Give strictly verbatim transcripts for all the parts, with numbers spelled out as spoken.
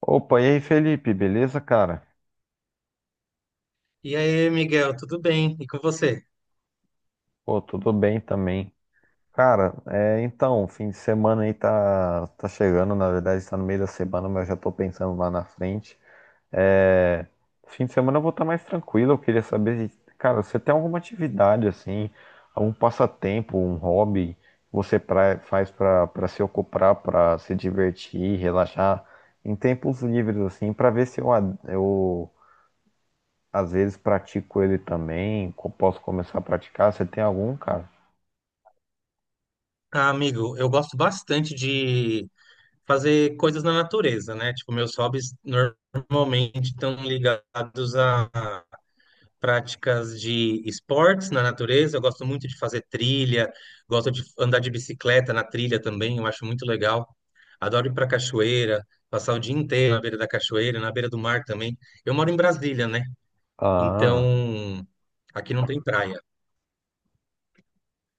Opa, e aí, Felipe, beleza, cara? E aí, Miguel, tudo bem? E com você? Pô, tudo bem também. Cara, é, então, fim de semana aí tá, tá chegando, na verdade está no meio da semana, mas eu já tô pensando lá na frente. É, fim de semana eu vou estar mais tranquilo, eu queria saber, se- cara, você tem alguma atividade assim, algum passatempo, um hobby que você pra- faz pra para se ocupar, pra se divertir, relaxar em tempos livres assim, pra ver se eu, ad- eu às vezes pratico ele também, co- posso começar a praticar. Você tem algum, cara? Ah, amigo, eu gosto bastante de fazer coisas na natureza, né? Tipo, meus hobbies normalmente estão ligados a práticas de esportes na natureza. Eu gosto muito de fazer trilha, gosto de andar de bicicleta na trilha também, eu acho muito legal. Adoro ir para cachoeira, passar o dia inteiro na beira da cachoeira, na beira do mar também. Eu moro em Brasília, né? Ah, Então, aqui não tem praia.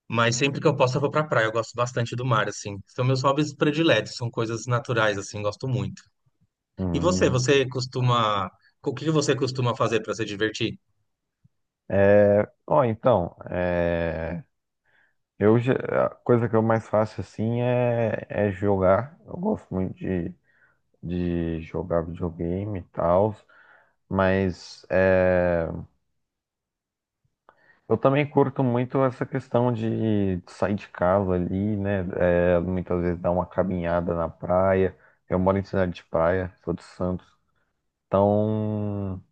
Mas sempre que eu posso, eu vou pra praia. Eu gosto bastante do mar, assim. São meus hobbies prediletos, são coisas naturais, assim, gosto muito. E você, hum. você costuma. O que você costuma fazer pra se divertir? Ó, então, é... eu, já- a coisa que eu mais faço assim é, é jogar. Eu gosto muito de, de jogar videogame e tal, mas é, eu também curto muito essa questão de sair de casa ali, né? É, muitas vezes dar uma caminhada na praia. Eu moro em cidade de praia, sou de Santos. Então,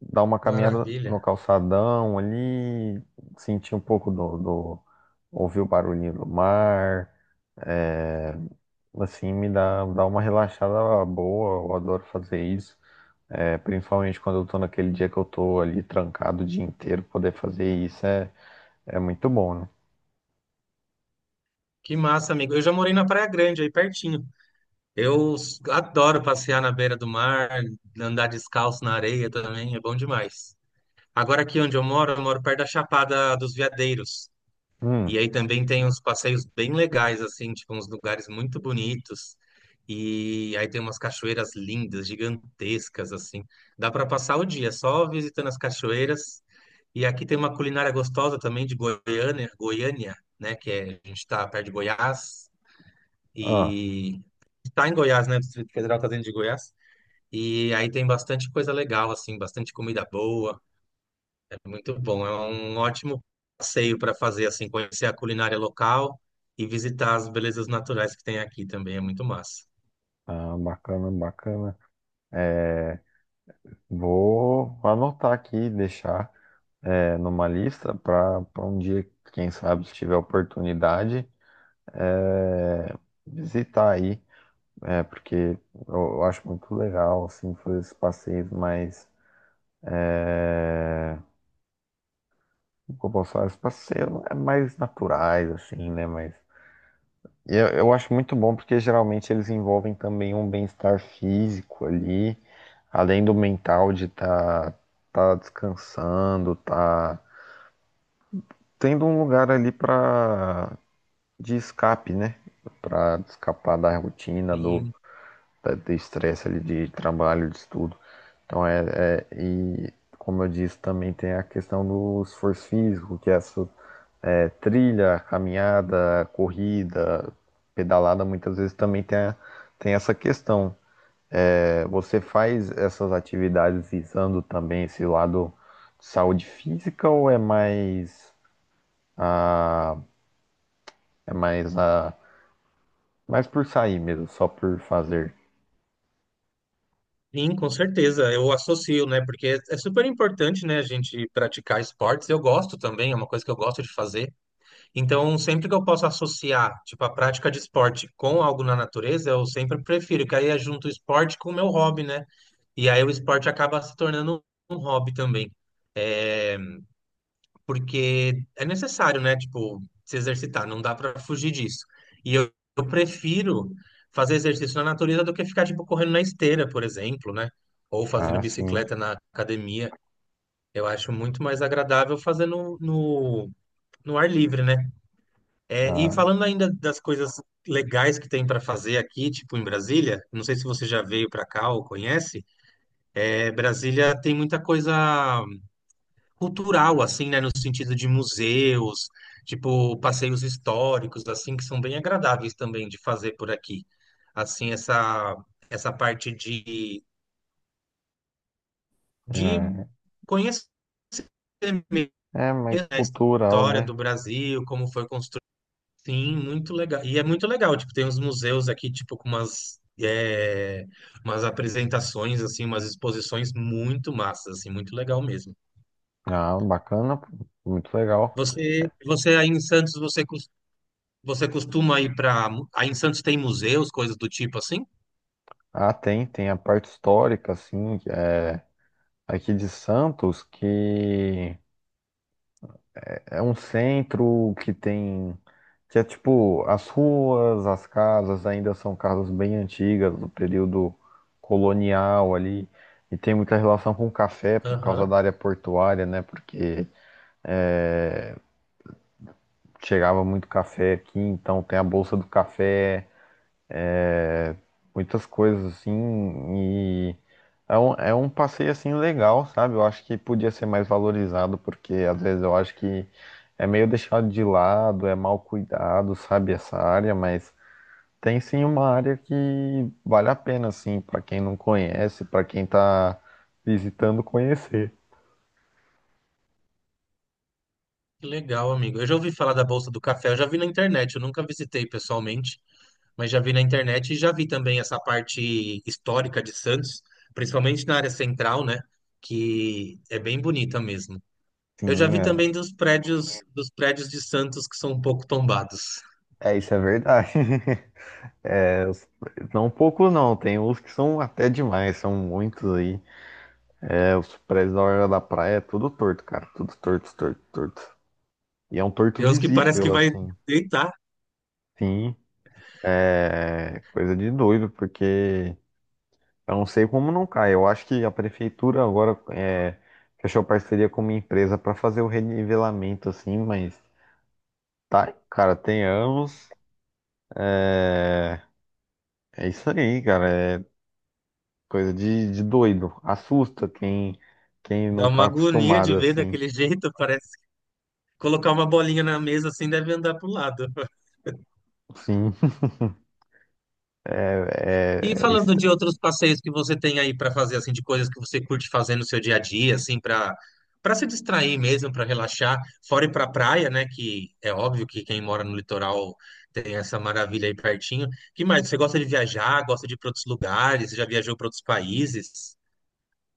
dar uma caminhada no Maravilha. calçadão ali, sentir um pouco do, do- ouvir o barulhinho do mar, é, assim, me dá, dá uma relaxada boa, eu adoro fazer isso. É, principalmente quando eu tô naquele dia que eu tô ali trancado o dia inteiro, poder fazer isso é, é muito bom, né? Que massa, amigo. Eu já morei na Praia Grande, aí pertinho. Eu s- adoro passear na beira do mar, andar descalço na areia também, é bom demais. Agora aqui onde eu moro, eu moro perto da Chapada dos Veadeiros. Hum, E aí também tem uns passeios bem legais, assim, tipo, uns lugares muito bonitos. E aí tem umas cachoeiras lindas, gigantescas, assim. Dá para passar o dia só visitando as cachoeiras. E aqui tem uma culinária gostosa também de Goiânia, Goiânia, né? Que é, a gente está perto de Goiás ah, e está em Goiás, né? O Distrito Federal está dentro de Goiás. E aí tem bastante coisa legal, assim, bastante comida boa. É muito bom, é um ótimo passeio para fazer, assim, conhecer a culinária local e visitar as belezas naturais que tem aqui também, é muito massa. ah, bacana, bacana. É, vou anotar aqui, e deixar é, numa lista para para um dia, quem sabe, se tiver oportunidade. É, visitar aí, é, porque eu, eu acho muito legal, assim, fazer esses passeios mais, é, como que eu posso falar, esses passeios é mais naturais, assim, né, mas eu, eu acho muito bom porque geralmente eles envolvem também um bem-estar físico ali, além do mental de estar tá, tá descansando, tá tendo um lugar ali para de escape, né? Para escapar da rotina, do, Sim, da- de estresse ali de trabalho, de estudo. Então é, é- e como eu disse, também tem a questão do esforço físico, que é essa é, trilha, caminhada, corrida, pedalada, muitas vezes também tem, a- tem essa questão. É, você faz essas atividades visando também esse lado de saúde física ou é mais a, é mais a, mais por sair mesmo, só por fazer? sim, com certeza, eu associo, né? Porque é é super importante, né, a gente praticar esportes. Eu gosto também, é uma coisa que eu gosto de fazer. Então, sempre que eu posso associar, tipo, a prática de esporte com algo na natureza, eu sempre prefiro, que aí eu junto o esporte com o meu hobby, né? E aí o esporte acaba se tornando um hobby também. É, porque é necessário, né? Tipo, se exercitar, não dá pra fugir disso. E eu, eu prefiro fazer exercício na natureza do que ficar, tipo, correndo na esteira, por exemplo, né? Ou fazendo Ah, sim. bicicleta na academia. Eu acho muito mais agradável fazer no, no, no ar livre, né? É, e Ah, falando ainda das coisas legais que tem pra fazer aqui, tipo, em Brasília, não sei se você já veio pra cá ou conhece, é, Brasília tem muita coisa cultural, assim, né? No sentido de museus, tipo, passeios históricos, assim, que são bem agradáveis também de fazer por aqui. Assim, essa, essa parte de, de é. conhecer mesmo É mais a cultural, história né? do Brasil, como foi construído. Sim, muito legal. E é muito legal, tipo, tem uns museus aqui, tipo, com umas, é, umas apresentações, assim, umas exposições muito massas, assim, muito legal mesmo. Ah, bacana, pô, muito legal. Você, você aí em Santos, você Você costuma ir para. Aí em Santos tem museus, coisas do tipo assim? Ah, tem, tem a parte histórica, assim, é, aqui de Santos, que é um centro que tem, que é tipo, as ruas, as casas ainda são casas bem antigas, do período colonial ali, e tem muita relação com café, por causa Aham, da área portuária, né? Porque chegava muito café aqui, então tem a Bolsa do Café, muitas coisas assim. E é um, é um passeio assim legal, sabe? Eu acho que podia ser mais valorizado porque às vezes eu acho que é meio deixado de lado, é mal cuidado, sabe? Essa área, mas tem sim uma área que vale a pena assim para quem não conhece, para quem tá visitando conhecer. que legal, amigo. Eu já ouvi falar da Bolsa do Café, eu já vi na internet, eu nunca visitei pessoalmente, mas já vi na internet e já vi também essa parte histórica de Santos, principalmente na área central, né? Que é bem bonita mesmo. Eu já Sim, vi é, também dos prédios, dos prédios de Santos que são um pouco tombados. é, isso é verdade. É, os- não poucos não, tem uns que são até demais, são muitos aí. É, os prédios da Orla da Praia é tudo torto, cara. Tudo torto, torto, torto. E é um torto Tem uns que parece que visível, vai assim. deitar, Sim, é coisa de doido, porque eu não sei como não cai. Eu acho que a prefeitura agora é, fechou parceria com uma empresa para fazer o renivelamento, assim, mas tá, cara, tem anos. É, é isso aí, cara. É coisa de, de doido. Assusta quem, quem não dá uma tá agonia acostumado, de ver assim. daquele jeito, parece. Colocar uma bolinha na mesa assim deve andar pro lado. Sim, é, é, E é falando de outros passeios que você tem aí para fazer, assim, de coisas que você curte fazer no seu dia a dia, assim, para para se distrair mesmo, para relaxar, fora ir para praia, né? Que é óbvio que quem mora no litoral tem essa maravilha aí pertinho. Que mais? Você gosta de viajar? Gosta de ir para outros lugares? Já viajou para outros países?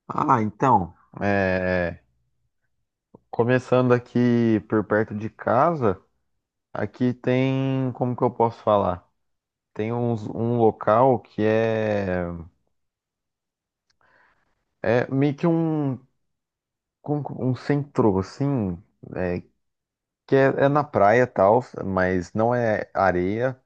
ah, então, é, começando aqui por perto de casa, aqui tem, como que eu posso falar? Tem uns- um local que é, é meio que um, como que- um centro, assim, é, que é, é na praia e tal, mas não é areia.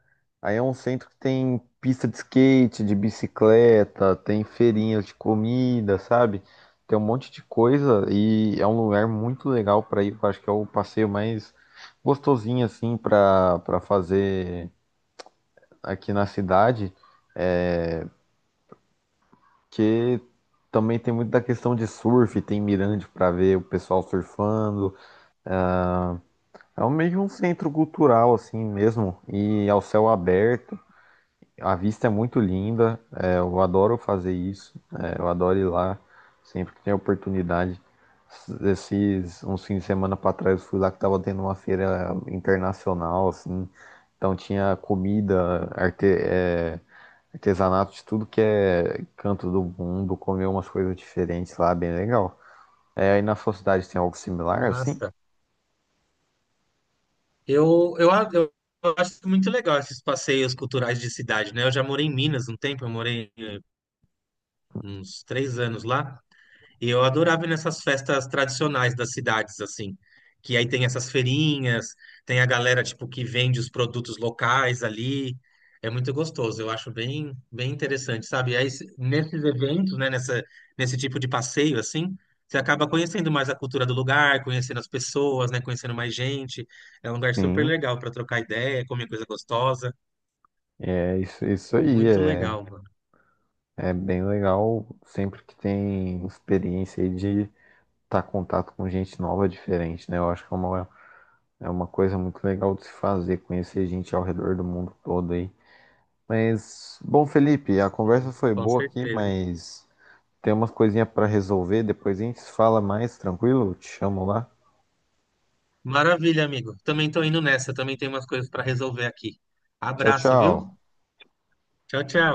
Aí é um centro que tem pista de skate, de bicicleta, tem feirinhas de comida, sabe? Tem um monte de coisa e é um lugar muito legal para ir. Eu acho que é o passeio mais gostosinho assim para para fazer aqui na cidade, que também tem muito da questão de surf, tem mirante para ver o pessoal surfando. É um meio que um centro cultural assim mesmo e ao céu aberto. A vista é muito linda, é, eu adoro fazer isso, é, eu adoro ir lá sempre que tem oportunidade. Esses uns fins de semana para trás eu fui lá que tava tendo uma feira internacional, assim, então tinha comida, arte- é, artesanato de tudo que é canto do mundo, comer umas coisas diferentes lá, bem legal. É, aí na sua cidade tem algo similar, assim? Nossa, eu, eu, a- eu acho muito legal esses passeios culturais de cidade, né? Eu já morei em Minas um tempo, eu morei eh, uns três anos lá. E eu adorava ir nessas festas tradicionais das cidades, assim, que aí tem essas feirinhas, tem a galera, tipo, que vende os produtos locais ali. É muito gostoso, eu acho bem, bem interessante, sabe? E aí, se- nesses eventos, né, nessa, nesse tipo de passeio, assim, você acaba conhecendo mais a cultura do lugar, conhecendo as pessoas, né, conhecendo mais gente. É um lugar super Sim, legal para trocar ideia, comer coisa gostosa. é isso, isso aí, Muito é, legal, mano. é bem legal sempre que tem experiência aí de estar em contato com gente nova é diferente, né? Eu acho que é uma, é uma coisa muito legal de se fazer, conhecer gente ao redor do mundo todo aí. Mas, bom, Felipe, a conversa E, foi com boa aqui, certeza. mas tem umas coisinhas para resolver. Depois a gente fala mais, tranquilo? Te chamo lá. Maravilha, amigo. Também tô indo nessa, também tem umas coisas para resolver aqui. Tchau, Abraço, viu? tchau. Tchau, tchau.